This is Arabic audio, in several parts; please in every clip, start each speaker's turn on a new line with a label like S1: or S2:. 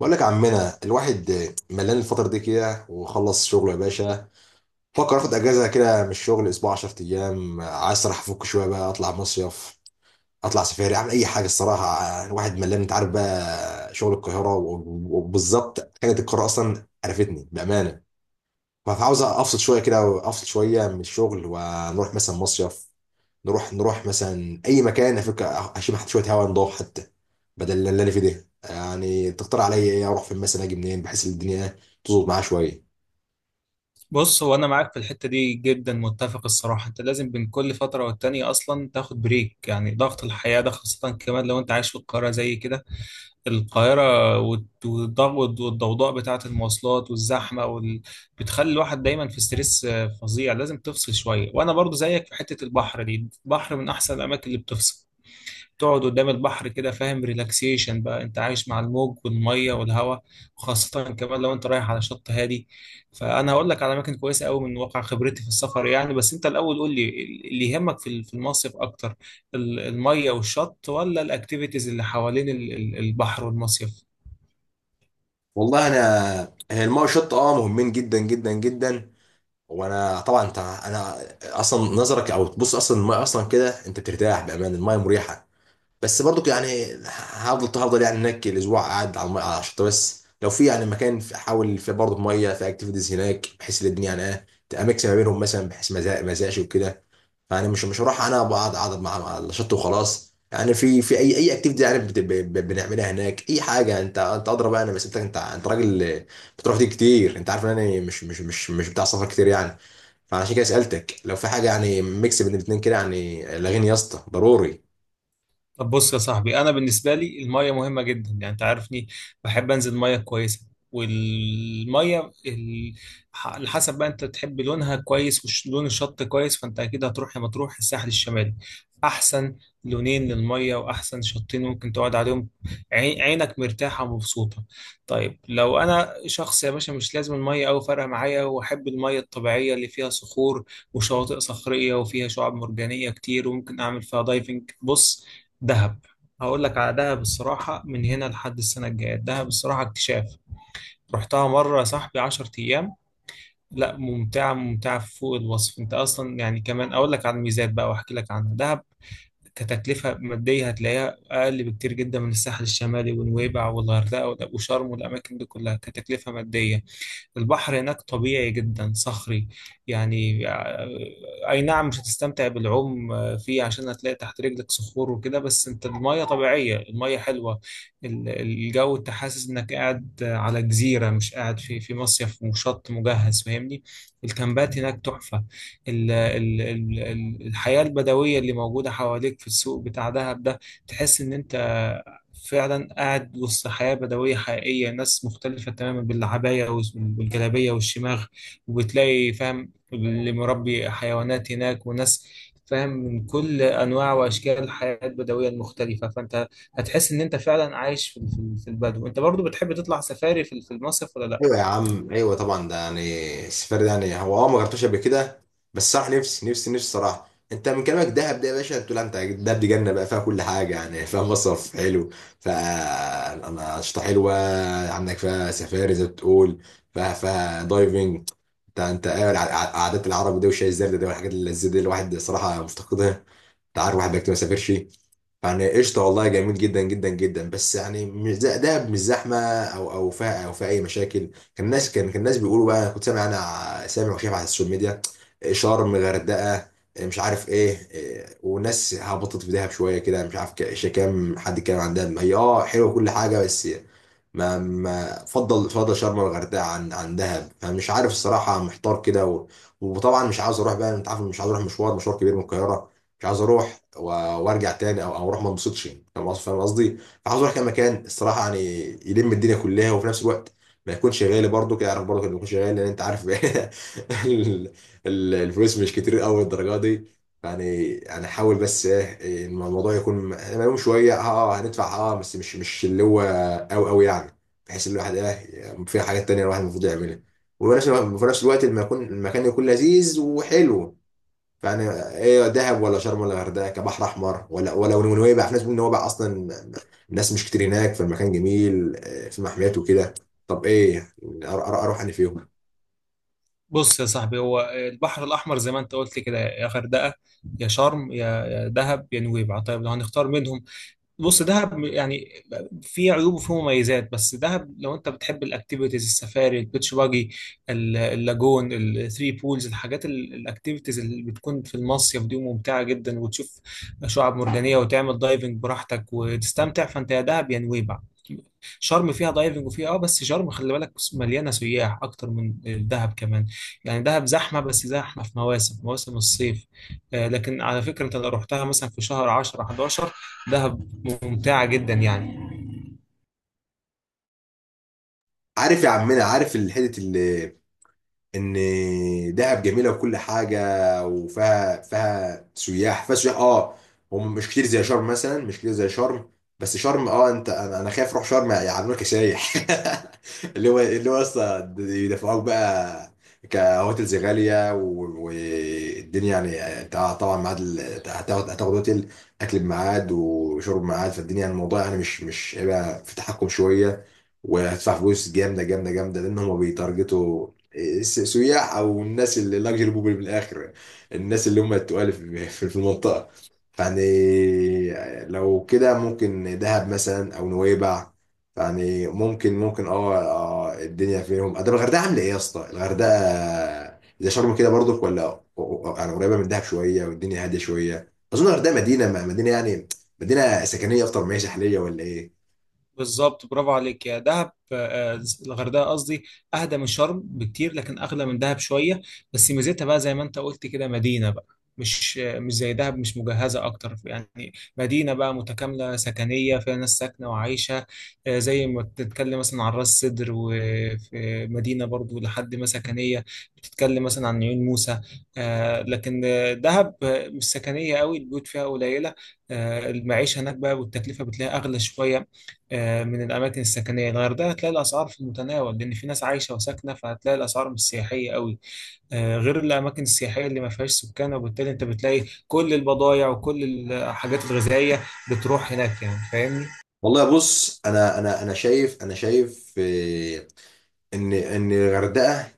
S1: بقول لك يا عمنا، الواحد ملان الفترة دي كده وخلص شغله يا باشا. فكر اخد اجازة كده من الشغل، اسبوع 10 ايام. عايز الصراحة افك شوية بقى، اطلع مصيف، اطلع سفاري، اعمل اي حاجة الصراحة. الواحد ملان، انت عارف بقى، شغل القاهرة وبالظبط حاجة القاهرة اصلا عرفتني بأمانة. فعاوز افصل شوية كده، وافصل شوية من الشغل، ونروح مثلا مصيف، نروح مثلا اي مكان، افك اشم حتى شويه هواء نضاف حتى، بدل اللي انا فيه ده. يعني تقترح عليا ايه؟ اروح فين مثلا؟ اجي منين بحيث الدنيا تظبط معايا شويه؟
S2: بص، هو انا معاك في الحته دي جدا متفق. الصراحه انت لازم بين كل فتره والتانيه اصلا تاخد بريك. يعني ضغط الحياه ده، خاصه كمان لو انت عايش في القاهره زي كده. القاهره والضغط والضوضاء بتاعه المواصلات والزحمه بتخلي الواحد دايما في ستريس آه، فظيع. لازم تفصل شويه، وانا برضو زيك في حته البحر دي. البحر من احسن الاماكن اللي بتفصل. تقعد قدام البحر كده، فاهم؟ ريلاكسيشن بقى، انت عايش مع الموج والميه والهواء. خاصة كمان لو انت رايح على شط هادي. فانا هقول لك على اماكن كويسة قوي من واقع خبرتي في السفر يعني، بس انت الاول قول لي اللي يهمك في المصيف اكتر، الميه والشط، ولا الاكتيفيتيز اللي حوالين البحر والمصيف؟
S1: والله انا هي الماء والشط مهمين جدا جدا جدا. وانا طبعا انت انا، اصلا نظرك او تبص اصلا، الماء اصلا كده انت بترتاح، بامان الماء مريحه. بس برضو يعني هفضل يعني هناك الاسبوع قاعد على الميه على الشط، بس لو في يعني مكان احاول في برضو في ميه في اكتيفيتيز هناك، بحيث ان الدنيا يعني ايه تبقى ميكس ما بينهم مثلا، بحيث ما زهقش وكده. يعني مش هروح، انا اقعد مع الشط وخلاص، يعني في اي اكتيفيتي يعني بنعملها هناك اي حاجه. انت اضرب انا، بس انت انت راجل بتروح تيجي كتير. انت عارف ان انا مش بتاع سفر كتير يعني. فعشان كده سالتك لو في حاجه يعني ميكس بين الاثنين كده، يعني لاغيني يا اسطى ضروري.
S2: طب بص يا صاحبي، انا بالنسبه لي الميه مهمه جدا، يعني انت عارفني. بحب انزل ميه كويسه، والميه على حسب بقى، انت تحب لونها كويس ولون الشط كويس. فانت اكيد هتروح يا مطروح الساحل الشمالي. احسن لونين للميه واحسن شطين ممكن تقعد عليهم، عينك مرتاحه ومبسوطه. طيب لو انا شخص يا باشا مش لازم الميه أوي فارقه معايا، واحب الميه الطبيعيه اللي فيها صخور وشواطئ صخريه وفيها شعاب مرجانيه كتير، وممكن اعمل فيها دايفنج، بص، دهب. هقول لك على دهب. الصراحة من هنا لحد السنة الجاية، دهب الصراحة اكتشاف. رحتها مرة يا صاحبي 10 أيام، لا ممتعة ممتعة فوق الوصف. أنت أصلا يعني، كمان أقول لك على الميزات بقى وأحكي لك عنها. دهب كتكلفة مادية هتلاقيها أقل بكتير جدا من الساحل الشمالي ونويبع والغردقة وشرم والأماكن دي كلها كتكلفة مادية. البحر هناك طبيعي جدا، صخري يعني آه، أي نعم مش هتستمتع بالعوم آه، فيه، عشان هتلاقي تحت رجلك صخور وكده. بس أنت المية طبيعية، المية حلوة. الجو أنت حاسس إنك قاعد آه، على جزيرة، مش قاعد في مصيف وشط مجهز، فاهمني؟ الكامبات هناك تحفة. الحياة البدوية اللي موجودة حواليك في السوق بتاع دهب ده، تحس إن أنت فعلا قاعد وسط حياة بدوية حقيقية. ناس مختلفة تماما، بالعباية والجلابية والشماغ. وبتلاقي فاهم اللي مربي حيوانات هناك، وناس فاهم من كل أنواع وأشكال الحياة البدوية المختلفة. فأنت هتحس إن أنت فعلا عايش في البدو. أنت برضو بتحب تطلع سفاري في المصيف ولا لأ؟
S1: ايوه يا عم، ايوه طبعا، ده يعني السفر ده يعني هو ما جربتوش قبل كده. بس صراحه نفسي صراحه، انت من كلامك دهب ده يا باشا، تقول انت دهب دي جنه بقى، فيها كل حاجه، يعني فيها مصرف حلو، فيها انشطه حلوه، عندك فيها سفاري زي ما بتقول، فيها دايفنج. انت ايه عادات العرب دي وشاي الزردة دي والحاجات اللذيذه دي، الواحد صراحه مفتقدها. انت عارف واحد بيكتب ما سافرش. يعني قشطه، والله جميل جدا جدا جدا. بس يعني مش ده مش زحمه، او فيها اي مشاكل؟ كان الناس بيقولوا بقى، كنت سامع انا سامع وشايف على السوشيال ميديا، شرم، غردقه، مش عارف ايه إيه، وناس هبطت في دهب شويه كده. مش عارف كام حد كان عندها، هي حلوه كل حاجه. بس ما فضل شرم الغردقه عن دهب. فمش عارف الصراحه، محتار كده. وطبعا مش عاوز اروح بقى، انت عارف، مش عاوز اروح مشوار، كبير من القاهره. مش عاوز اروح وارجع تاني، او اروح ما انبسطش. فاهم قصدي، فاهم قصدي. فعاوز اروح كام مكان الصراحه يعني، يلم الدنيا كلها، وفي نفس الوقت ما يكونش غالي برضه كده، عارف، برضه ما يكونش غالي لان انت عارف. ال- الفلوس مش كتير قوي الدرجه دي. يعني انا احاول بس ايه الموضوع يكون مليون شويه، هندفع بس مش اللي هو أوي أوي يعني، بحيث إن الواحد إيه فيها حاجات تانية الواحد المفروض يعملها، وفي نفس الوقت لما يكون المكان يكون لذيذ وحلو. فأنا إيه؟ دهب، ولا شرم، ولا غردقة كبحر أحمر، ولا نويبع؟ في ناس بتقول نويبع أصلا الناس مش كتير هناك، فالمكان جميل، آه، في محميات وكده. طب إيه، أروح أنا فيهم؟
S2: بص يا صاحبي، هو البحر الأحمر زي ما أنت قلت كده، يا غردقة يا شرم يا دهب يا نويبع. طيب لو هنختار منهم، بص دهب يعني، في عيوب وفي مميزات. بس دهب لو انت بتحب الاكتيفيتيز، السفاري، البيتش باجي، اللاجون، الثري بولز، الحاجات الاكتيفيتيز اللي بتكون في المصيف دي، ممتعه جدا. وتشوف شعاب مرجانيه وتعمل دايفنج براحتك وتستمتع. فانت يا دهب يا نويبع. شرم فيها دايفنج وفيها اه، بس شرم خلي بالك مليانه سياح اكتر من دهب كمان. يعني دهب زحمه، بس زحمه في مواسم مواسم الصيف آه، لكن على فكره انت لو رحتها مثلا في شهر 10 11، دهب ممتعة جدا يعني.
S1: عارف يا عمنا، عارف الحتة اللي، ان دهب جميله وكل حاجه، وفيها سياح، فيها سياح هم مش كتير زي شرم مثلا، مش كتير زي شرم. بس شرم انت انا أنا خايف اروح شرم يعاملوك كسايح. اللي هو اصلا يدفعوك بقى كهوتيلز غاليه والدنيا يعني طبعا ميعاد هتاخد هوتيل، اكل بميعاد وشرب بميعاد، فالدنيا يعني الموضوع يعني مش هيبقى في تحكم شويه، وهتدفع فلوس جامده جامده جامده لان هم بيتارجتوا إيه، سياح او الناس اللي لاكجري بوبل من الاخر، الناس اللي هم التقال في في المنطقه يعني. لو كده ممكن دهب مثلا او نويبع، يعني ممكن الدنيا فيهم. طب الغردقه عامله ايه يا اسطى؟ الغردقه زي شرم كده برضك ولا؟ يعني قريبه من دهب شويه والدنيا هاديه شويه. اظن الغردقه مدينه، مدينه يعني، مدينه سكنيه اكتر ما هي ساحليه ولا ايه؟
S2: بالظبط، برافو عليك، يا دهب آه، آه، الغردقه قصدي، اهدى من شرم بكتير لكن اغلى من دهب شويه. بس ميزتها بقى زي ما انت قلت كده، مدينه بقى، مش آه، مش زي دهب، مش مجهزه اكتر يعني. مدينه بقى متكامله سكنيه فيها ناس ساكنه وعايشه. آه، زي ما بتتكلم مثلا عن راس سدر، وفي مدينه برضو لحد ما سكنيه، بتتكلم مثلا عن عيون موسى. آه، لكن آه، دهب آه، مش سكنيه قوي، البيوت فيها قليله. آه، المعيشه هناك بقى، والتكلفه بتلاقيها اغلى شويه آه، من الأماكن السكنية. الغردقة هتلاقي الأسعار في المتناول، لأن في ناس عايشة وساكنة، فهتلاقي الأسعار مش سياحية قوي آه، غير الأماكن السياحية اللي ما فيهاش سكان، وبالتالي أنت بتلاقي كل البضايع وكل الحاجات الغذائية بتروح هناك يعني، فاهمني؟
S1: والله بص، انا شايف ان الغردقه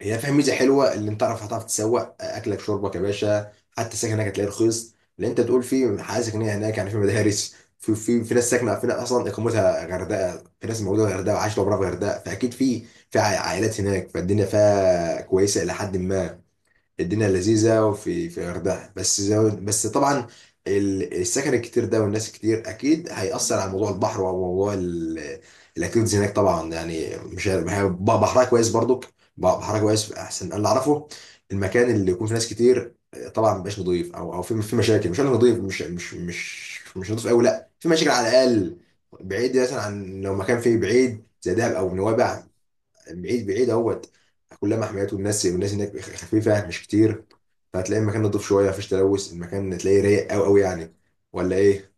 S1: هي فيها ميزه حلوه، اللي انت هتعرف تسوق اكلك شربك يا باشا، حتى السكن هناك هتلاقيه رخيص، اللي انت تقول فيه حاجه سكنيه هناك يعني، في مدارس، في ناس ساكنه، في ناس اصلا اقامتها غردقه، في ناس موجوده في غردقه وعايشه عمرها في غردقه، فاكيد في في عائلات هناك، فالدنيا فيها كويسه الى حد ما. الدنيا لذيذه وفي الغردقه، بس طبعا السكن الكتير ده والناس الكتير اكيد هيأثر على موضوع البحر وموضوع الاكتيفيتيز هناك. طبعا يعني مش بحرها كويس برضك، بحرها كويس احسن انا اللي اعرفه. المكان اللي يكون فيه ناس كتير طبعا مبقاش نضيف، او في مشاكل، مش انا نضيف، مش نضيف قوي، لا، في مشاكل على الاقل. بعيد مثلا عن، لو مكان فيه بعيد زي دهب او نوابع، بعيد بعيد اهوت، كلها محميات، والناس هناك خفيفه مش كتير، فهتلاقي المكان نضيف شويه، مفيش تلوث، المكان تلاقيه رايق قوي قوي يعني، ولا ايه؟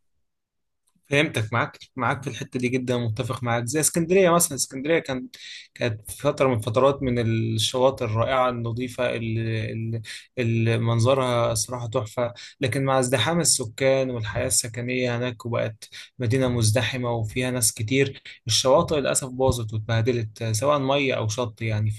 S2: فهمتك. معاك في الحته دي جدا، متفق معاك. زي اسكندريه مثلا، اسكندريه كانت في فتره من فترات، من الشواطئ الرائعه النظيفه اللي منظرها صراحه تحفه. لكن مع ازدحام السكان والحياه السكنيه هناك، وبقت مدينه مزدحمه وفيها ناس كتير، الشواطئ للاسف باظت واتبهدلت، سواء ميه او شط يعني.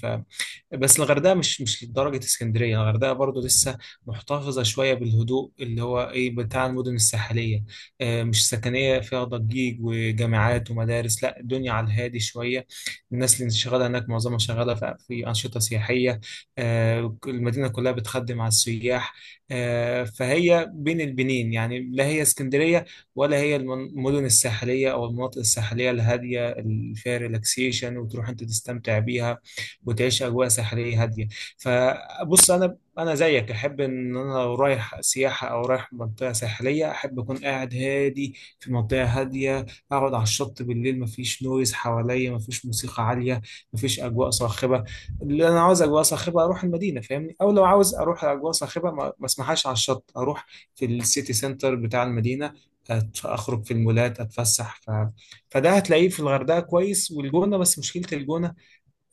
S2: بس الغردقه مش لدرجه اسكندريه. الغردقه برضو لسه محتفظه شويه بالهدوء اللي هو ايه بتاع المدن الساحليه. آه، مش سكنيه فيها ضجيج وجامعات ومدارس، لا الدنيا على الهادي شويه. الناس اللي شغاله هناك معظمها شغاله في انشطه سياحيه. آه، المدينه كلها بتخدم على السياح. آه، فهي بين البنين يعني، لا هي اسكندريه ولا هي المدن الساحليه او المناطق الساحليه الهاديه اللي فيها ريلاكسيشن، وتروح انت تستمتع بيها وتعيش اجواء ساحليه هاديه. فبص، انا زيك احب ان انا لو رايح سياحه او رايح منطقه ساحليه احب اكون قاعد هادي في منطقه هاديه. اقعد على الشط بالليل، مفيش نويز حواليا، مفيش موسيقى عاليه، مفيش اجواء صاخبه. اللي انا عاوز اجواء صاخبه اروح المدينه، فاهمني؟ او لو عاوز اروح اجواء صاخبه ما اسمحهاش على الشط، اروح في السيتي سنتر بتاع المدينه، اخرج في المولات اتفسح فده هتلاقيه في الغردقه كويس والجونه. بس مشكله الجونه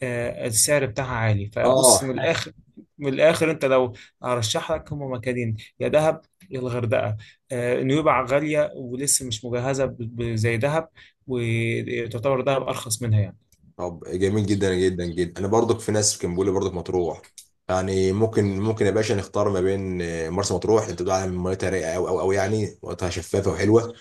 S2: آه، السعر بتاعها عالي. فبص
S1: اه
S2: من الاخر، من الاخر انت لو هرشح لك هم مكانين، يا دهب يا الغردقه. آه، نويبع غاليه ولسه مش مجهزه زي دهب، وتعتبر دهب ارخص منها يعني.
S1: طب جميل جدا جدا جدا. انا برضك في ناس كان بيقول لي برضك مطروح، يعني ممكن يا باشا نختار ما بين، آه، مرسى مطروح. انت بتقول على ميتها رايقه قوي قوي قوي، يعني ميتها شفافه وحلوه،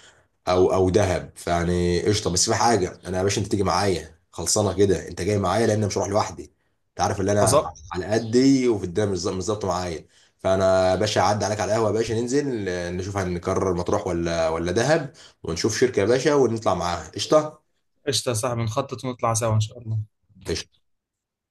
S1: او دهب. فيعني قشطه. بس في حاجه، انا يا باشا انت تيجي معايا خلصانه كده، انت جاي معايا لان أنا مش هروح لوحدي. انت عارف ان انا
S2: خلاص،
S1: على قدي، وفي الدنيا مش ظابطه معايا. فانا يا باشا هعدي عليك على القهوه يا باشا، ننزل آه، نشوف هنكرر مطروح ولا دهب، ونشوف شركه يا باشا، ونطلع معاها قشطه.
S2: قشطه يا صاحبي، نخطط ونطلع سوا ان شاء الله.
S1: قشطة.